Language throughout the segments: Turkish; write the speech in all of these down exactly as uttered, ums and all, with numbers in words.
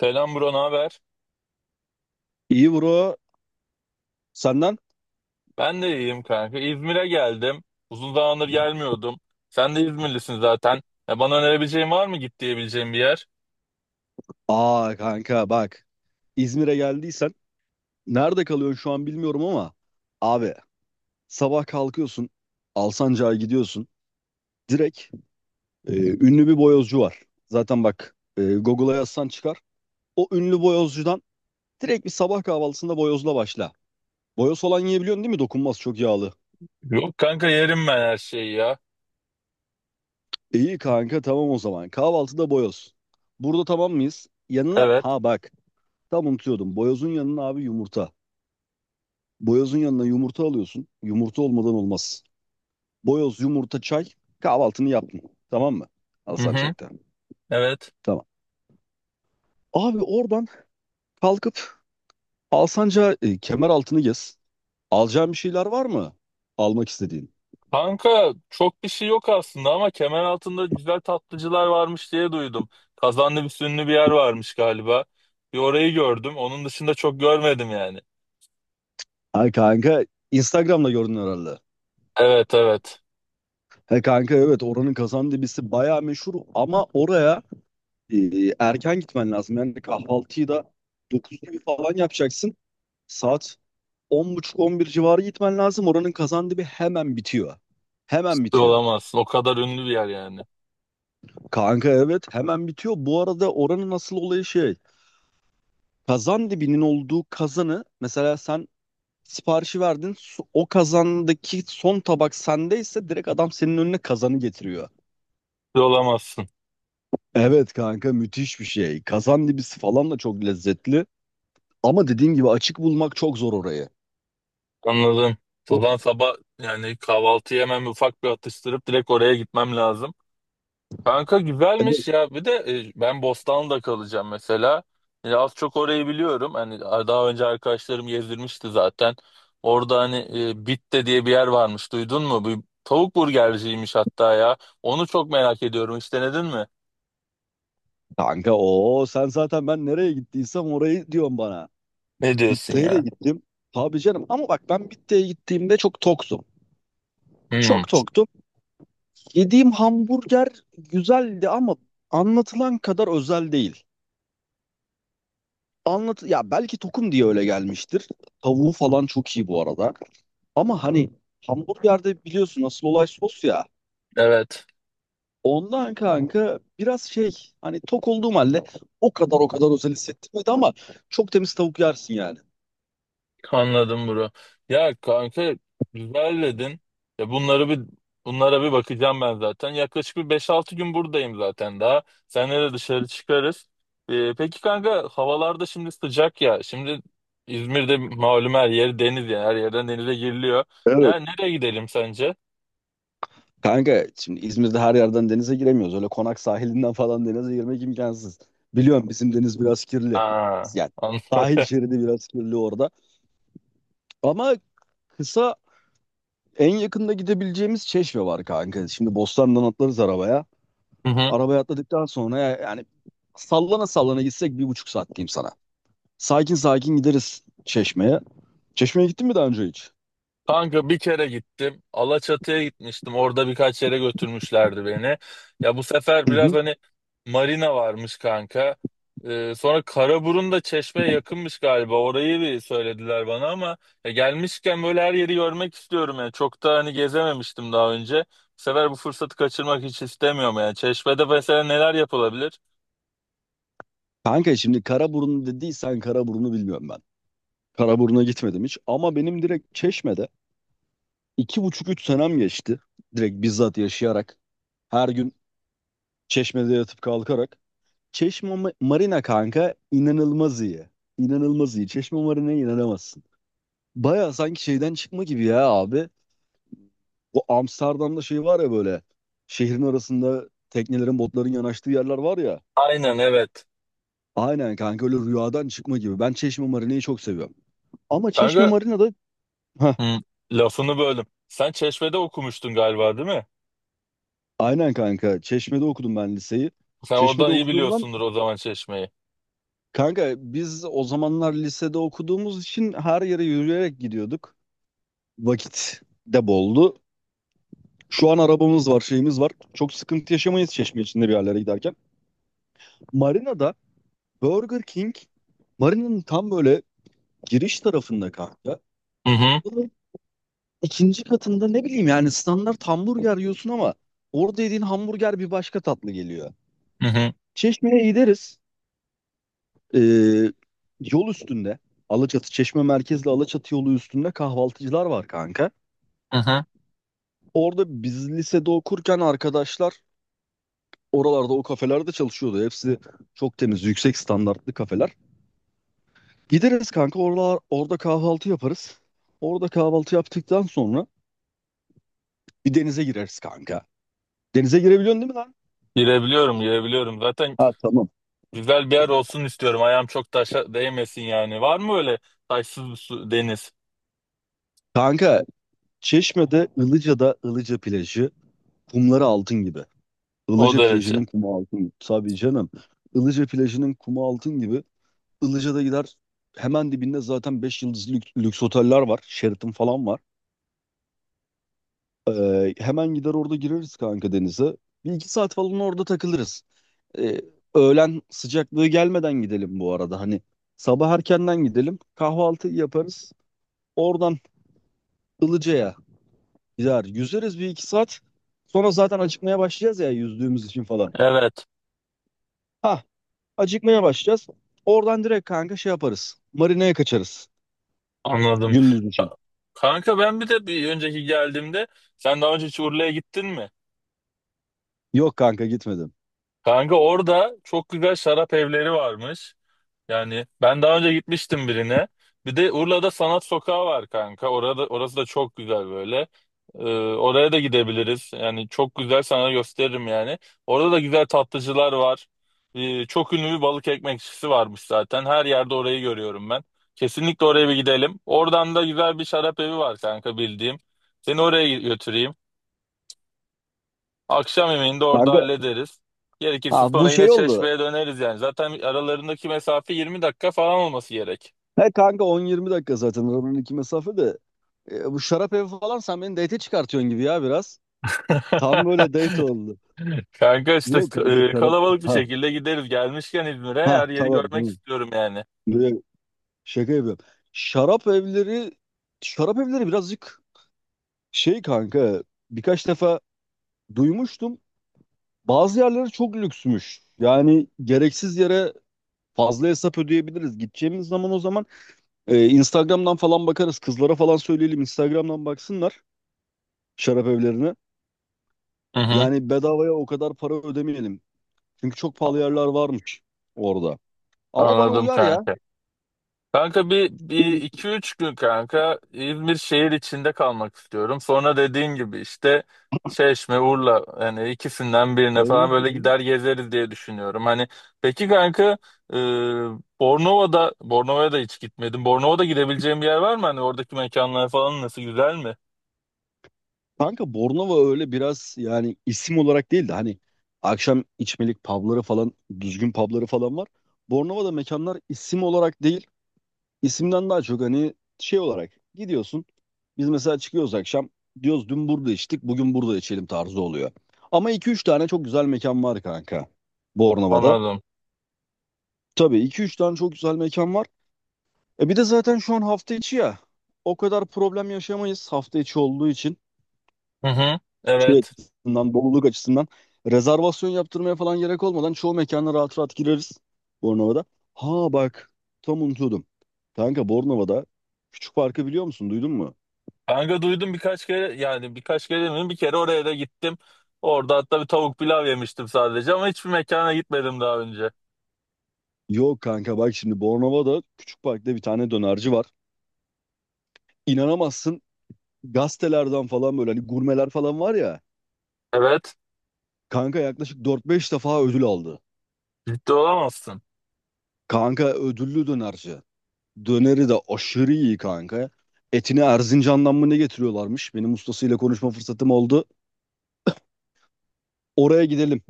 Selam bro, ne haber? İyi bro. Senden? Ben de iyiyim kanka. İzmir'e geldim. Uzun zamandır gelmiyordum. Sen de İzmirlisin zaten. Ya bana önerebileceğin var mı git diyebileceğim bir yer? Aa kanka bak. İzmir'e geldiysen nerede kalıyorsun şu an bilmiyorum ama abi sabah kalkıyorsun Alsancak'a gidiyorsun. Direkt e, ünlü bir boyozcu var. Zaten bak e, Google'a yazsan çıkar. O ünlü boyozcudan direkt bir sabah kahvaltısında boyozla başla. Boyoz olan yiyebiliyorsun değil mi? Dokunmaz çok yağlı. Yok kanka yerim ben her şeyi ya. İyi kanka tamam o zaman. Kahvaltıda boyoz. Burada tamam mıyız? Yanına Evet. ha bak tam unutuyordum. Boyozun yanına abi yumurta. Boyozun yanına yumurta alıyorsun. Yumurta olmadan olmaz. Boyoz, yumurta, çay. Kahvaltını yaptın. Tamam mı? Hı hı. Alsancak'ta. Evet. Tamam. Abi oradan kalkıp Alsancak'a e, kemer altını gez. Alacağın bir şeyler var mı? Almak istediğin. Kanka çok bir şey yok aslında ama kemer altında güzel tatlıcılar varmış diye duydum. Kazanlı bir sünlü bir yer varmış galiba. Bir orayı gördüm. Onun dışında çok görmedim yani. Ay kanka Instagram'da gördün herhalde. Evet evet. He kanka evet oranın kazan dibisi bayağı meşhur ama oraya e, erken gitmen lazım. Yani kahvaltıyı da dokuz gibi falan yapacaksın. Saat on buçuk-on bir civarı gitmen lazım. Oranın kazan dibi hemen bitiyor. Hemen Ciddi bitiyor. olamazsın. O kadar ünlü bir yer yani. Kanka evet hemen bitiyor. Bu arada oranın asıl olayı şey. Kazan dibinin olduğu kazanı mesela sen siparişi verdin. su- O kazandaki son tabak sendeyse direkt adam senin önüne kazanı getiriyor. Ciddi olamazsın. Evet kanka müthiş bir şey. Kazan dibisi falan da çok lezzetli. Ama dediğin gibi açık bulmak çok zor orayı. Anladım. O O- zaman sabah yani kahvaltı yemem ufak bir atıştırıp direkt oraya gitmem lazım. Kanka güzelmiş Evet ya. Bir de e, ben Bostanlı'da kalacağım mesela. Ya az çok orayı biliyorum. Hani daha önce arkadaşlarım gezdirmişti zaten. Orada hani e, Bitte diye bir yer varmış. Duydun mu? Bir tavuk burgerciymiş hatta ya. Onu çok merak ediyorum. Hiç denedin mi? kanka o sen zaten ben nereye gittiysem orayı diyorsun bana. Ne diyorsun Bitte'ye de ya? gittim. Tabii canım ama bak ben Bitte'ye gittiğimde çok toktum. Hmm, Çok toktum. Yediğim hamburger güzeldi ama anlatılan kadar özel değil. Anlat ya belki tokum diye öyle gelmiştir. Tavuğu falan çok iyi bu arada. Ama hani hamburgerde biliyorsun asıl olay sos ya. evet. Ondan kanka biraz şey hani tok olduğum halde o kadar o kadar özel hissettirmedi ama çok temiz tavuk yersin yani. Anladım bro. Ya kanka güzel dedin. Ya bunları bir bunlara bir bakacağım ben zaten. Yaklaşık bir beş altı gün buradayım zaten daha. Seninle de dışarı çıkarız. Ee, peki kanka havalarda şimdi sıcak ya. Şimdi İzmir'de malum her yer deniz yani her yerden denize giriliyor. Evet. Ne, nereye gidelim sence? Kanka şimdi İzmir'de her yerden denize giremiyoruz. Öyle konak sahilinden falan denize girmek imkansız. Biliyorum bizim deniz biraz kirli. Aa, Yani an- sahil şeridi biraz kirli orada. Ama kısa en yakında gidebileceğimiz Çeşme var kanka. Şimdi Bostan'dan atlarız arabaya. Hı hı. Arabaya atladıktan sonra ya- yani sallana sallana gitsek bir buçuk saat diyeyim sana. Sakin sakin gideriz Çeşme'ye. Çeşme'ye gittin mi daha önce hiç? Kanka bir kere gittim. Alaçatı'ya gitmiştim. Orada birkaç yere götürmüşlerdi beni. Ya bu sefer Hı biraz hı. hani marina varmış kanka. Ee, sonra Karaburun da Çeşme'ye yakınmış galiba. Orayı bir söylediler bana ama ya gelmişken böyle her yeri görmek istiyorum yani. Çok da hani gezememiştim daha önce. Bu sefer bu fırsatı kaçırmak hiç istemiyorum yani. Çeşme'de mesela neler yapılabilir? Kanka şimdi Karaburun dediysen Karaburun'u bilmiyorum ben. Karaburun'a gitmedim hiç ama benim direkt Çeşme'de İki buçuk üç senem geçti. Direkt bizzat yaşayarak. Her gün Çeşme'de yatıp kalkarak. Çeşme Ma- Marina kanka inanılmaz iyi. İnanılmaz iyi. Çeşme Marina'ya inanamazsın. Baya sanki şeyden çıkma gibi ya abi. O Amsterdam'da şey var ya böyle. Şehrin arasında teknelerin, botların yanaştığı yerler var ya. Aynen evet. Aynen kanka öyle rüyadan çıkma gibi. Ben Çeşme Marina'yı çok seviyorum. Ama Çeşme Kanka Marina'da... Heh, hı, lafını böldüm. Sen Çeşme'de okumuştun galiba değil mi? aynen kanka. Çeşme'de okudum ben liseyi. Sen Çeşme'de oradan iyi okuduğumdan. biliyorsundur o zaman Çeşme'yi. Kanka biz o zamanlar lisede okuduğumuz için her yere yürüyerek gidiyorduk. Vakit de boldu. Şu an arabamız var, şeyimiz var. Çok sıkıntı yaşamayız Çeşme içinde bir yerlere giderken. Marina'da Burger King, Marina'nın tam böyle giriş tarafında kanka. Hı hı, Bunun ikinci katında ne bileyim yani standart hamburger yiyorsun ama orada yediğin hamburger bir başka tatlı geliyor. hı hı, Çeşme'ye gideriz. Ee, yol üstünde. Alaçatı, Çeşme merkezli Alaçatı yolu üstünde kahvaltıcılar var kanka. hı hı. Orada biz lisede okurken arkadaşlar oralarda o kafelerde çalışıyordu. Hepsi çok temiz, yüksek standartlı kafeler. Gideriz kanka orada, orada kahvaltı yaparız. Orada kahvaltı yaptıktan sonra bir denize gireriz kanka. Denize girebiliyorsun değil mi lan? Girebiliyorum, girebiliyorum. Zaten Ha tamam. güzel bir yer olsun istiyorum. Ayağım çok taşa değmesin yani. Var mı öyle taşsız bir su, deniz? Kanka Çeşme'de Ilıca'da Ilıca plajı kumları altın gibi. O Ilıca derece. plajının kumu altın gibi. Tabii canım. Ilıca plajının kumu altın gibi. Ilıca'da gider hemen dibinde zaten beş yıldızlı lüks, lüks oteller var. Sheraton falan var. Ee, hemen gider orada gireriz kanka denize. Bir iki saat falan orada takılırız. Ee, öğlen sıcaklığı gelmeden gidelim bu arada. Hani sabah erkenden gidelim. Kahvaltı yaparız. Oradan Ilıca'ya gider. Yüzeriz bir iki saat. Sonra zaten acıkmaya başlayacağız ya yüzdüğümüz için falan. Evet, Ha, acıkmaya başlayacağız. Oradan direkt kanka şey yaparız. Marina'ya kaçarız anladım. gündüz için. Ka- Kanka ben bir de bir önceki geldiğimde sen daha önce hiç Urla'ya gittin mi? Yok kanka gitmedim. Kanka orada çok güzel şarap evleri varmış. Yani ben daha önce gitmiştim birine. Bir de Urla'da Sanat Sokağı var kanka. Orada orası da çok güzel böyle. Ee, oraya da gidebiliriz. Yani çok güzel sana gösteririm yani. Orada da güzel tatlıcılar var. Ee, çok ünlü bir balık ekmekçisi varmış zaten. Her yerde orayı görüyorum ben. Kesinlikle oraya bir gidelim. Oradan da güzel bir şarap evi var kanka bildiğim. Seni oraya götüreyim. Akşam yemeğini de orada Kanka hallederiz. Gerekirse ha, bu sonra yine şey oldu. Çeşme'ye döneriz yani. Zaten aralarındaki mesafe yirmi dakika falan olması gerek. He kanka on yirmi dakika zaten aranın iki mesafe de. E, bu şarap evi falan sen beni date'e çıkartıyorsun gibi ya biraz. Tam böyle date oldu. Kanka işte Yok kanka e, şarap. kalabalık bir Ha, şekilde gideriz. Gelmişken İzmir'e ha her yeri tamam görmek tamam. istiyorum yani. Böyle şaka yapıyorum. Şarap evleri şarap evleri birazcık şey kanka birkaç defa duymuştum. Bazı yerleri çok lüksmüş. Yani gereksiz yere fazla hesap ödeyebiliriz. Gideceğimiz zaman o zaman e, Instagram'dan falan bakarız. Kızlara falan söyleyelim Instagram'dan baksınlar şarap evlerine. Hı hı. Yani bedavaya o kadar para ödemeyelim. Çünkü çok pahalı yerler varmış orada. Ama bana Anladım uyar ya. kanka. Kanka bir, Bu- bir iki üç gün kanka İzmir şehir içinde kalmak istiyorum. Sonra dediğin gibi işte Çeşme, Urla hani ikisinden birine falan böyle gider gezeriz diye düşünüyorum. Hani peki kanka e, Bornova'da Bornova'ya da hiç gitmedim. Bornova'da gidebileceğim bir yer var mı? Hani oradaki mekanlar falan nasıl güzel mi? Kanka Bornova öyle biraz yani isim olarak değil de hani akşam içmelik pubları falan düzgün pubları falan var. Bornova'da mekanlar isim olarak değil isimden daha çok hani şey olarak gidiyorsun. Biz mesela çıkıyoruz akşam diyoruz dün burada içtik bugün burada içelim tarzı oluyor. Ama iki üç tane çok güzel mekan var kanka Bornova'da. Anladım. Tabii iki üç tane çok güzel mekan var. E bir de zaten şu an hafta içi ya. O kadar problem yaşamayız hafta içi olduğu için. Hı hı. Şey Evet. açısından, doluluk açısından. Rezervasyon yaptırmaya falan gerek olmadan çoğu mekana rahat rahat gireriz Bornova'da. Ha bak tam unutuyordum. Kanka Bornova'da Küçük Park'ı biliyor musun? Duydun mu? Kanka duydum birkaç kere yani birkaç kere demedim bir kere oraya da gittim. Orada hatta bir tavuk pilav yemiştim sadece ama hiçbir mekana gitmedim daha önce. Yok kanka bak şimdi Bornova'da Küçük Park'ta bir tane dönerci var. İnanamazsın gazetelerden falan böyle hani gurmeler falan var ya. Evet Kanka yaklaşık dört beş defa ödül aldı. ciddi olamazsın. Kanka ödüllü dönerci. Döneri de aşırı iyi kanka. Etini Erzincan'dan mı ne getiriyorlarmış? Benim ustasıyla konuşma fırsatım oldu. Oraya gidelim.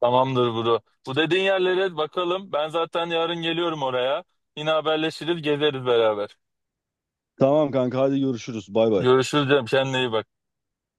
Tamamdır bro. Bu dediğin yerlere bakalım. Ben zaten yarın geliyorum oraya. Yine haberleşiriz gezeriz beraber. Tamam kanka hadi görüşürüz. Bay bay. Görüşürüz canım kendine iyi bak.